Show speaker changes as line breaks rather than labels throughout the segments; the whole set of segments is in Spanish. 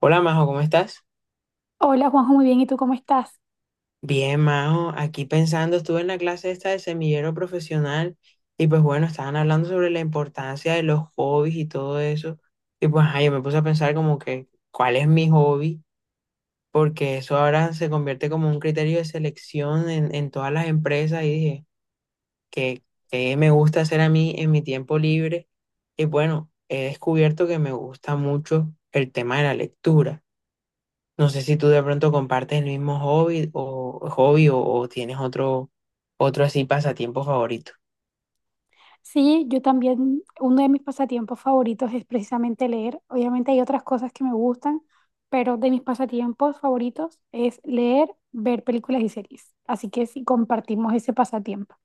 Hola Majo, ¿cómo estás?
Hola Juanjo, muy bien. ¿Y tú cómo estás?
Bien, Majo, aquí pensando, estuve en la clase esta de semillero profesional y pues bueno, estaban hablando sobre la importancia de los hobbies y todo eso. Y pues ajá, yo me puse a pensar como que, ¿cuál es mi hobby? Porque eso ahora se convierte como un criterio de selección en todas las empresas y dije, ¿qué, qué me gusta hacer a mí en mi tiempo libre? Y bueno, he descubierto que me gusta mucho el tema de la lectura. No sé si tú de pronto compartes el mismo hobby o hobby o tienes otro así pasatiempo favorito.
Sí, yo también, uno de mis pasatiempos favoritos es precisamente leer. Obviamente hay otras cosas que me gustan, pero de mis pasatiempos favoritos es leer, ver películas y series. Así que sí, compartimos ese pasatiempo.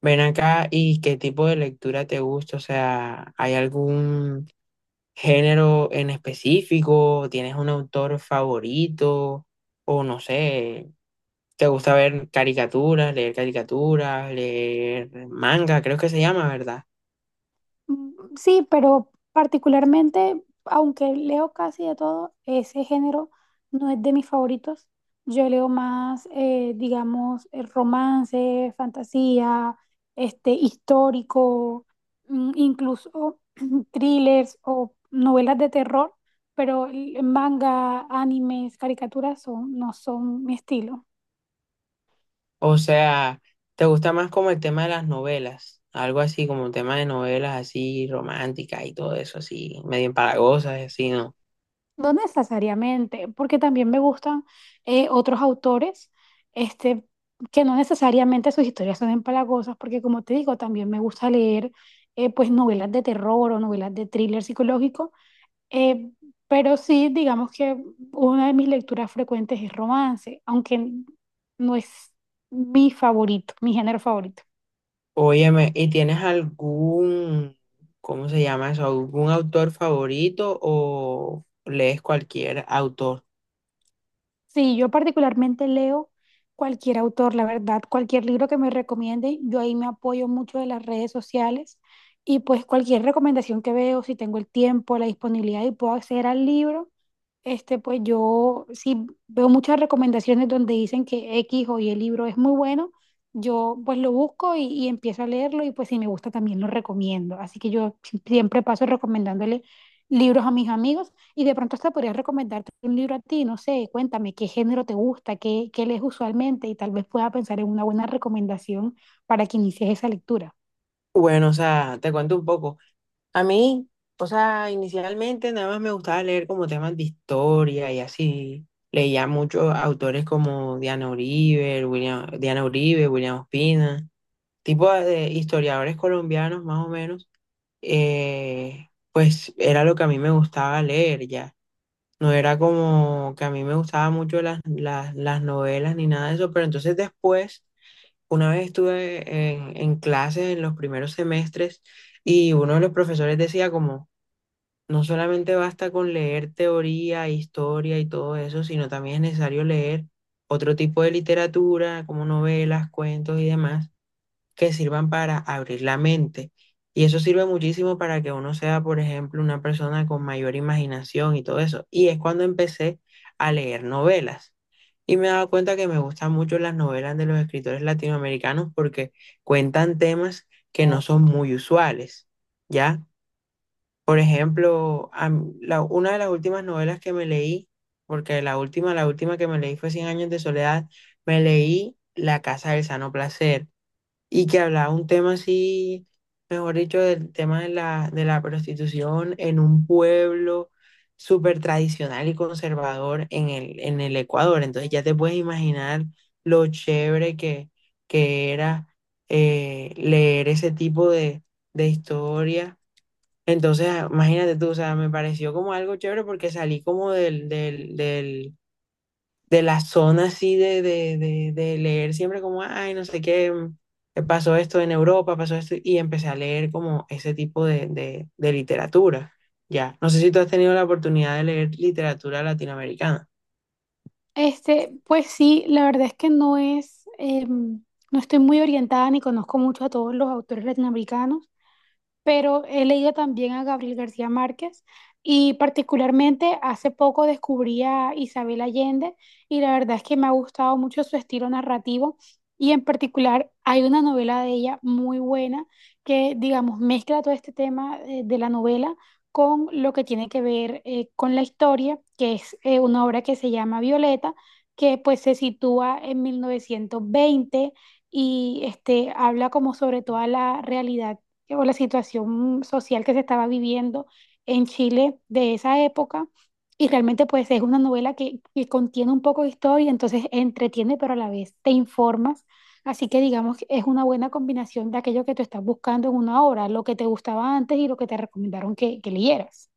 Ven acá y qué tipo de lectura te gusta, o sea, ¿hay algún género en específico? ¿Tienes un autor favorito? O no sé, ¿te gusta ver caricaturas, leer manga? Creo que se llama, ¿verdad?
Mm, sí, pero particularmente, aunque leo casi de todo, ese género no es de mis favoritos. Yo leo más, digamos, romance, fantasía, histórico, incluso thrillers o novelas de terror, pero el manga, animes, caricaturas son, no son mi estilo.
O sea, ¿te gusta más como el tema de las novelas? Algo así como un tema de novelas así románticas y todo eso, así medio empalagosas y así, ¿no?
No necesariamente, porque también me gustan otros autores, este, que no necesariamente sus historias son empalagosas, porque como te digo, también me gusta leer pues novelas de terror o novelas de thriller psicológico, eh, pero sí, digamos que una de mis lecturas frecuentes es romance, aunque no es mi favorito, mi género favorito.
Óyeme, ¿y tienes algún, cómo se llama eso, algún autor favorito o lees cualquier autor?
Sí, yo particularmente leo cualquier autor, la verdad, cualquier libro que me recomiende. Yo ahí me apoyo mucho de las redes sociales y pues cualquier recomendación que veo, si tengo el tiempo, la disponibilidad y puedo acceder al libro. Pues yo sí veo muchas recomendaciones donde dicen que X o Y el libro es muy bueno. Yo pues lo busco y empiezo a leerlo, y pues si me gusta también lo recomiendo. Así que yo siempre paso recomendándole libros a mis amigos, y de pronto hasta podría recomendarte un libro a ti. No sé, cuéntame qué género te gusta, qué lees usualmente, y tal vez pueda pensar en una buena recomendación para que inicies esa lectura.
Bueno, o sea, te cuento un poco. A mí, o sea, inicialmente nada más me gustaba leer como temas de historia y así. Leía muchos autores como Diana Uribe, William Ospina, tipo de historiadores colombianos más o menos, pues era lo que a mí me gustaba leer ya. No era como que a mí me gustaba mucho las novelas ni nada de eso, pero entonces después, una vez estuve en, clases en los primeros semestres y uno de los profesores decía como, no solamente basta con leer teoría, historia y todo eso, sino también es necesario leer otro tipo de literatura, como novelas, cuentos y demás que sirvan para abrir la mente. Y eso sirve muchísimo para que uno sea, por ejemplo, una persona con mayor imaginación y todo eso. Y es cuando empecé a leer novelas. Y me he dado cuenta que me gustan mucho las novelas de los escritores latinoamericanos porque cuentan temas que no son muy usuales, ¿ya? Por ejemplo, una de las últimas novelas que me leí, porque la última, que me leí fue Cien años de soledad, me leí La casa del sano placer y que hablaba un tema así, mejor dicho, del tema de la, prostitución en un pueblo súper tradicional y conservador en el Ecuador. Entonces ya te puedes imaginar lo chévere que era leer ese tipo de, historia. Entonces, ah, imagínate tú, o sea, me pareció como algo chévere porque salí como del, de la zona así de leer siempre como, ay, no sé qué, pasó esto en Europa, pasó esto, y empecé a leer como ese tipo de literatura. Ya, no sé si tú has tenido la oportunidad de leer literatura latinoamericana.
Pues sí, la verdad es que no, es, no estoy muy orientada ni conozco mucho a todos los autores latinoamericanos, pero he leído también a Gabriel García Márquez, y particularmente hace poco descubrí a Isabel Allende, y la verdad es que me ha gustado mucho su estilo narrativo. Y en particular hay una novela de ella muy buena que, digamos, mezcla todo este tema, de la novela con lo que tiene que ver, con la historia, que es, una obra que se llama Violeta, que pues se sitúa en 1920, y habla como sobre toda la realidad que por la situación social que se estaba viviendo en Chile de esa época. Y realmente pues es una novela que contiene un poco de historia, entonces entretiene, pero a la vez te informas. Así que digamos que es una buena combinación de aquello que tú estás buscando en una obra, lo que te gustaba antes y lo que te recomendaron que leyeras.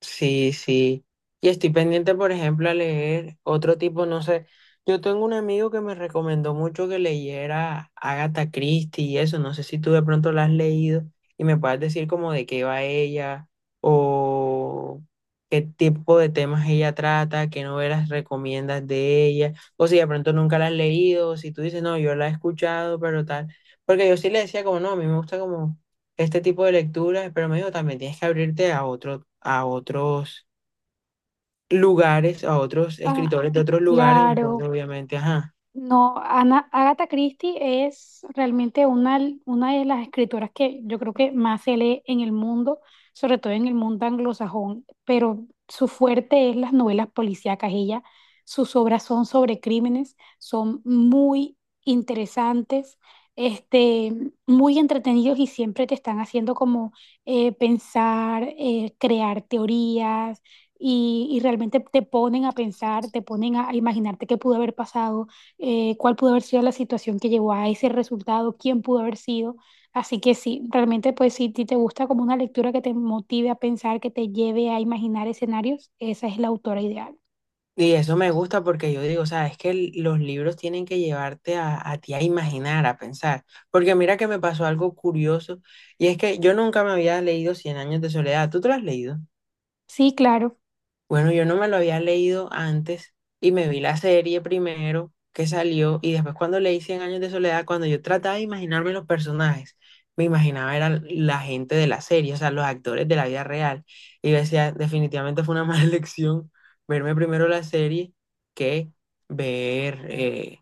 Sí, sí. Y estoy pendiente, por ejemplo, a leer otro tipo, no sé. Yo tengo un amigo que me recomendó mucho que leyera Agatha Christie y eso. No sé si tú de pronto la has leído y me puedes decir como de qué va ella o qué tipo de temas ella trata, qué novelas recomiendas de ella. O si de pronto nunca la has leído, o si tú dices, no, yo la he escuchado, pero tal. Porque yo sí le decía como, no, a mí me gusta como este tipo de lecturas, pero me dijo también tienes que abrirte a otro, a otros lugares, a otros
Ah,
escritores de otros lugares, entonces
claro.
obviamente, ajá.
No, Ana, Agatha Christie es realmente una de las escritoras que yo creo que más se lee en el mundo, sobre todo en el mundo anglosajón, pero su fuerte es las novelas policíacas. Ella, sus obras son sobre crímenes, son muy interesantes, este, muy entretenidos, y siempre te están haciendo como, pensar, crear teorías. Y realmente te ponen a pensar, te ponen a imaginarte qué pudo haber pasado, cuál pudo haber sido la situación que llevó a ese resultado, quién pudo haber sido. Así que sí, realmente pues si ti te gusta como una lectura que te motive a pensar, que te lleve a imaginar escenarios, esa es la autora ideal.
Y eso me gusta porque yo digo, o sea, es que los libros tienen que llevarte a ti a imaginar, a pensar. Porque mira que me pasó algo curioso, y es que yo nunca me había leído Cien años de soledad. ¿Tú te lo has leído?
Sí, claro.
Bueno, yo no me lo había leído antes y me vi la serie primero que salió y después cuando leí Cien años de soledad, cuando yo trataba de imaginarme los personajes, me imaginaba era la gente de la serie, o sea, los actores de la vida real. Y yo decía, definitivamente fue una mala elección verme primero la serie que ver, eh,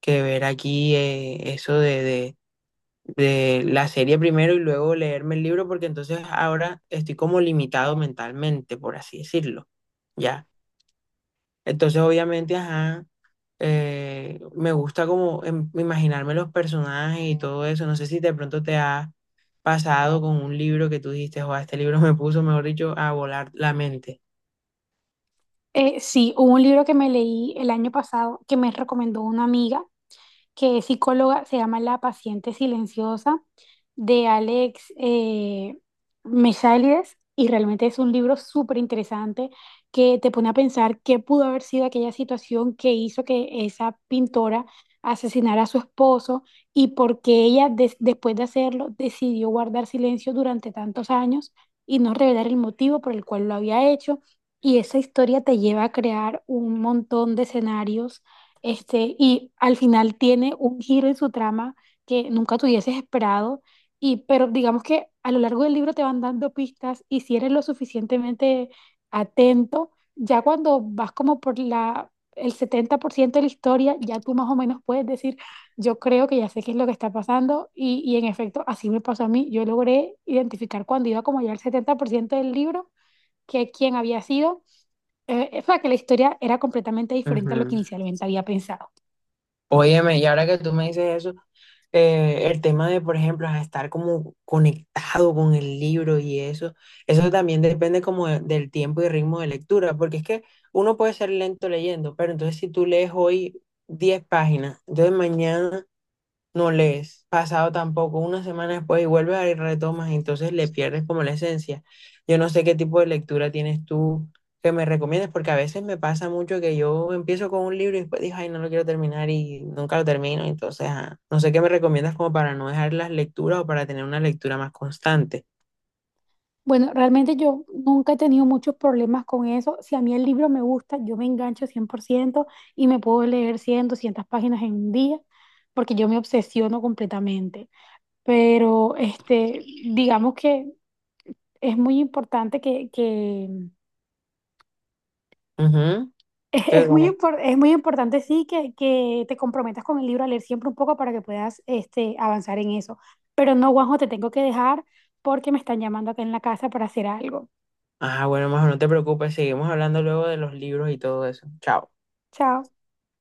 que ver aquí eso de la serie primero y luego leerme el libro, porque entonces ahora estoy como limitado mentalmente, por así decirlo. ¿Ya? Entonces, obviamente, ajá, me gusta como imaginarme los personajes y todo eso. No sé si de pronto te ha pasado con un libro que tú dijiste, o este libro me puso, mejor dicho, a volar la mente.
Sí, hubo un libro que me leí el año pasado que me recomendó una amiga que es psicóloga, se llama La paciente silenciosa, de Alex, Mesalides, y realmente es un libro súper interesante que te pone a pensar qué pudo haber sido aquella situación que hizo que esa pintora asesinara a su esposo, y por qué ella después de hacerlo decidió guardar silencio durante tantos años y no revelar el motivo por el cual lo había hecho. Y esa historia te lleva a crear un montón de escenarios, y al final tiene un giro en su trama que nunca te hubieses esperado. Y, pero digamos que a lo largo del libro te van dando pistas, y si eres lo suficientemente atento, ya cuando vas como por la, el 70% de la historia, ya tú más o menos puedes decir, yo creo que ya sé qué es lo que está pasando. Y en efecto, así me pasó a mí. Yo logré identificar, cuando iba como ya al 70% del libro, que quién había sido. O sea, que la historia era completamente diferente a lo que
Ujú.
inicialmente había pensado.
Óyeme, y ahora que tú me dices eso, el tema de, por ejemplo, a estar como conectado con el libro y eso también depende como del tiempo y ritmo de lectura, porque es que uno puede ser lento leyendo, pero entonces si tú lees hoy 10 páginas, entonces mañana no lees, pasado tampoco, una semana después y vuelves a y retomas, y entonces le pierdes como la esencia. Yo no sé qué tipo de lectura tienes tú que me recomiendes, porque a veces me pasa mucho que yo empiezo con un libro y después digo, ay, no lo quiero terminar y nunca lo termino, entonces ah, no sé qué me recomiendas como para no dejar las lecturas o para tener una lectura más constante.
Bueno, realmente yo nunca he tenido muchos problemas con eso. Si a mí el libro me gusta, yo me engancho 100% y me puedo leer 100, 200 páginas en un día, porque yo me obsesiono completamente. Pero digamos que es muy importante que que,
Ujú.
Es,
que
es muy
como-
es muy importante, sí, que te comprometas con el libro a leer siempre un poco para que puedas, avanzar en eso. Pero no, Juanjo, te tengo que dejar porque me están llamando acá en la casa para hacer algo.
Ah, bueno, mejor no te preocupes, seguimos hablando luego de los libros y todo eso. Chao.
Chao.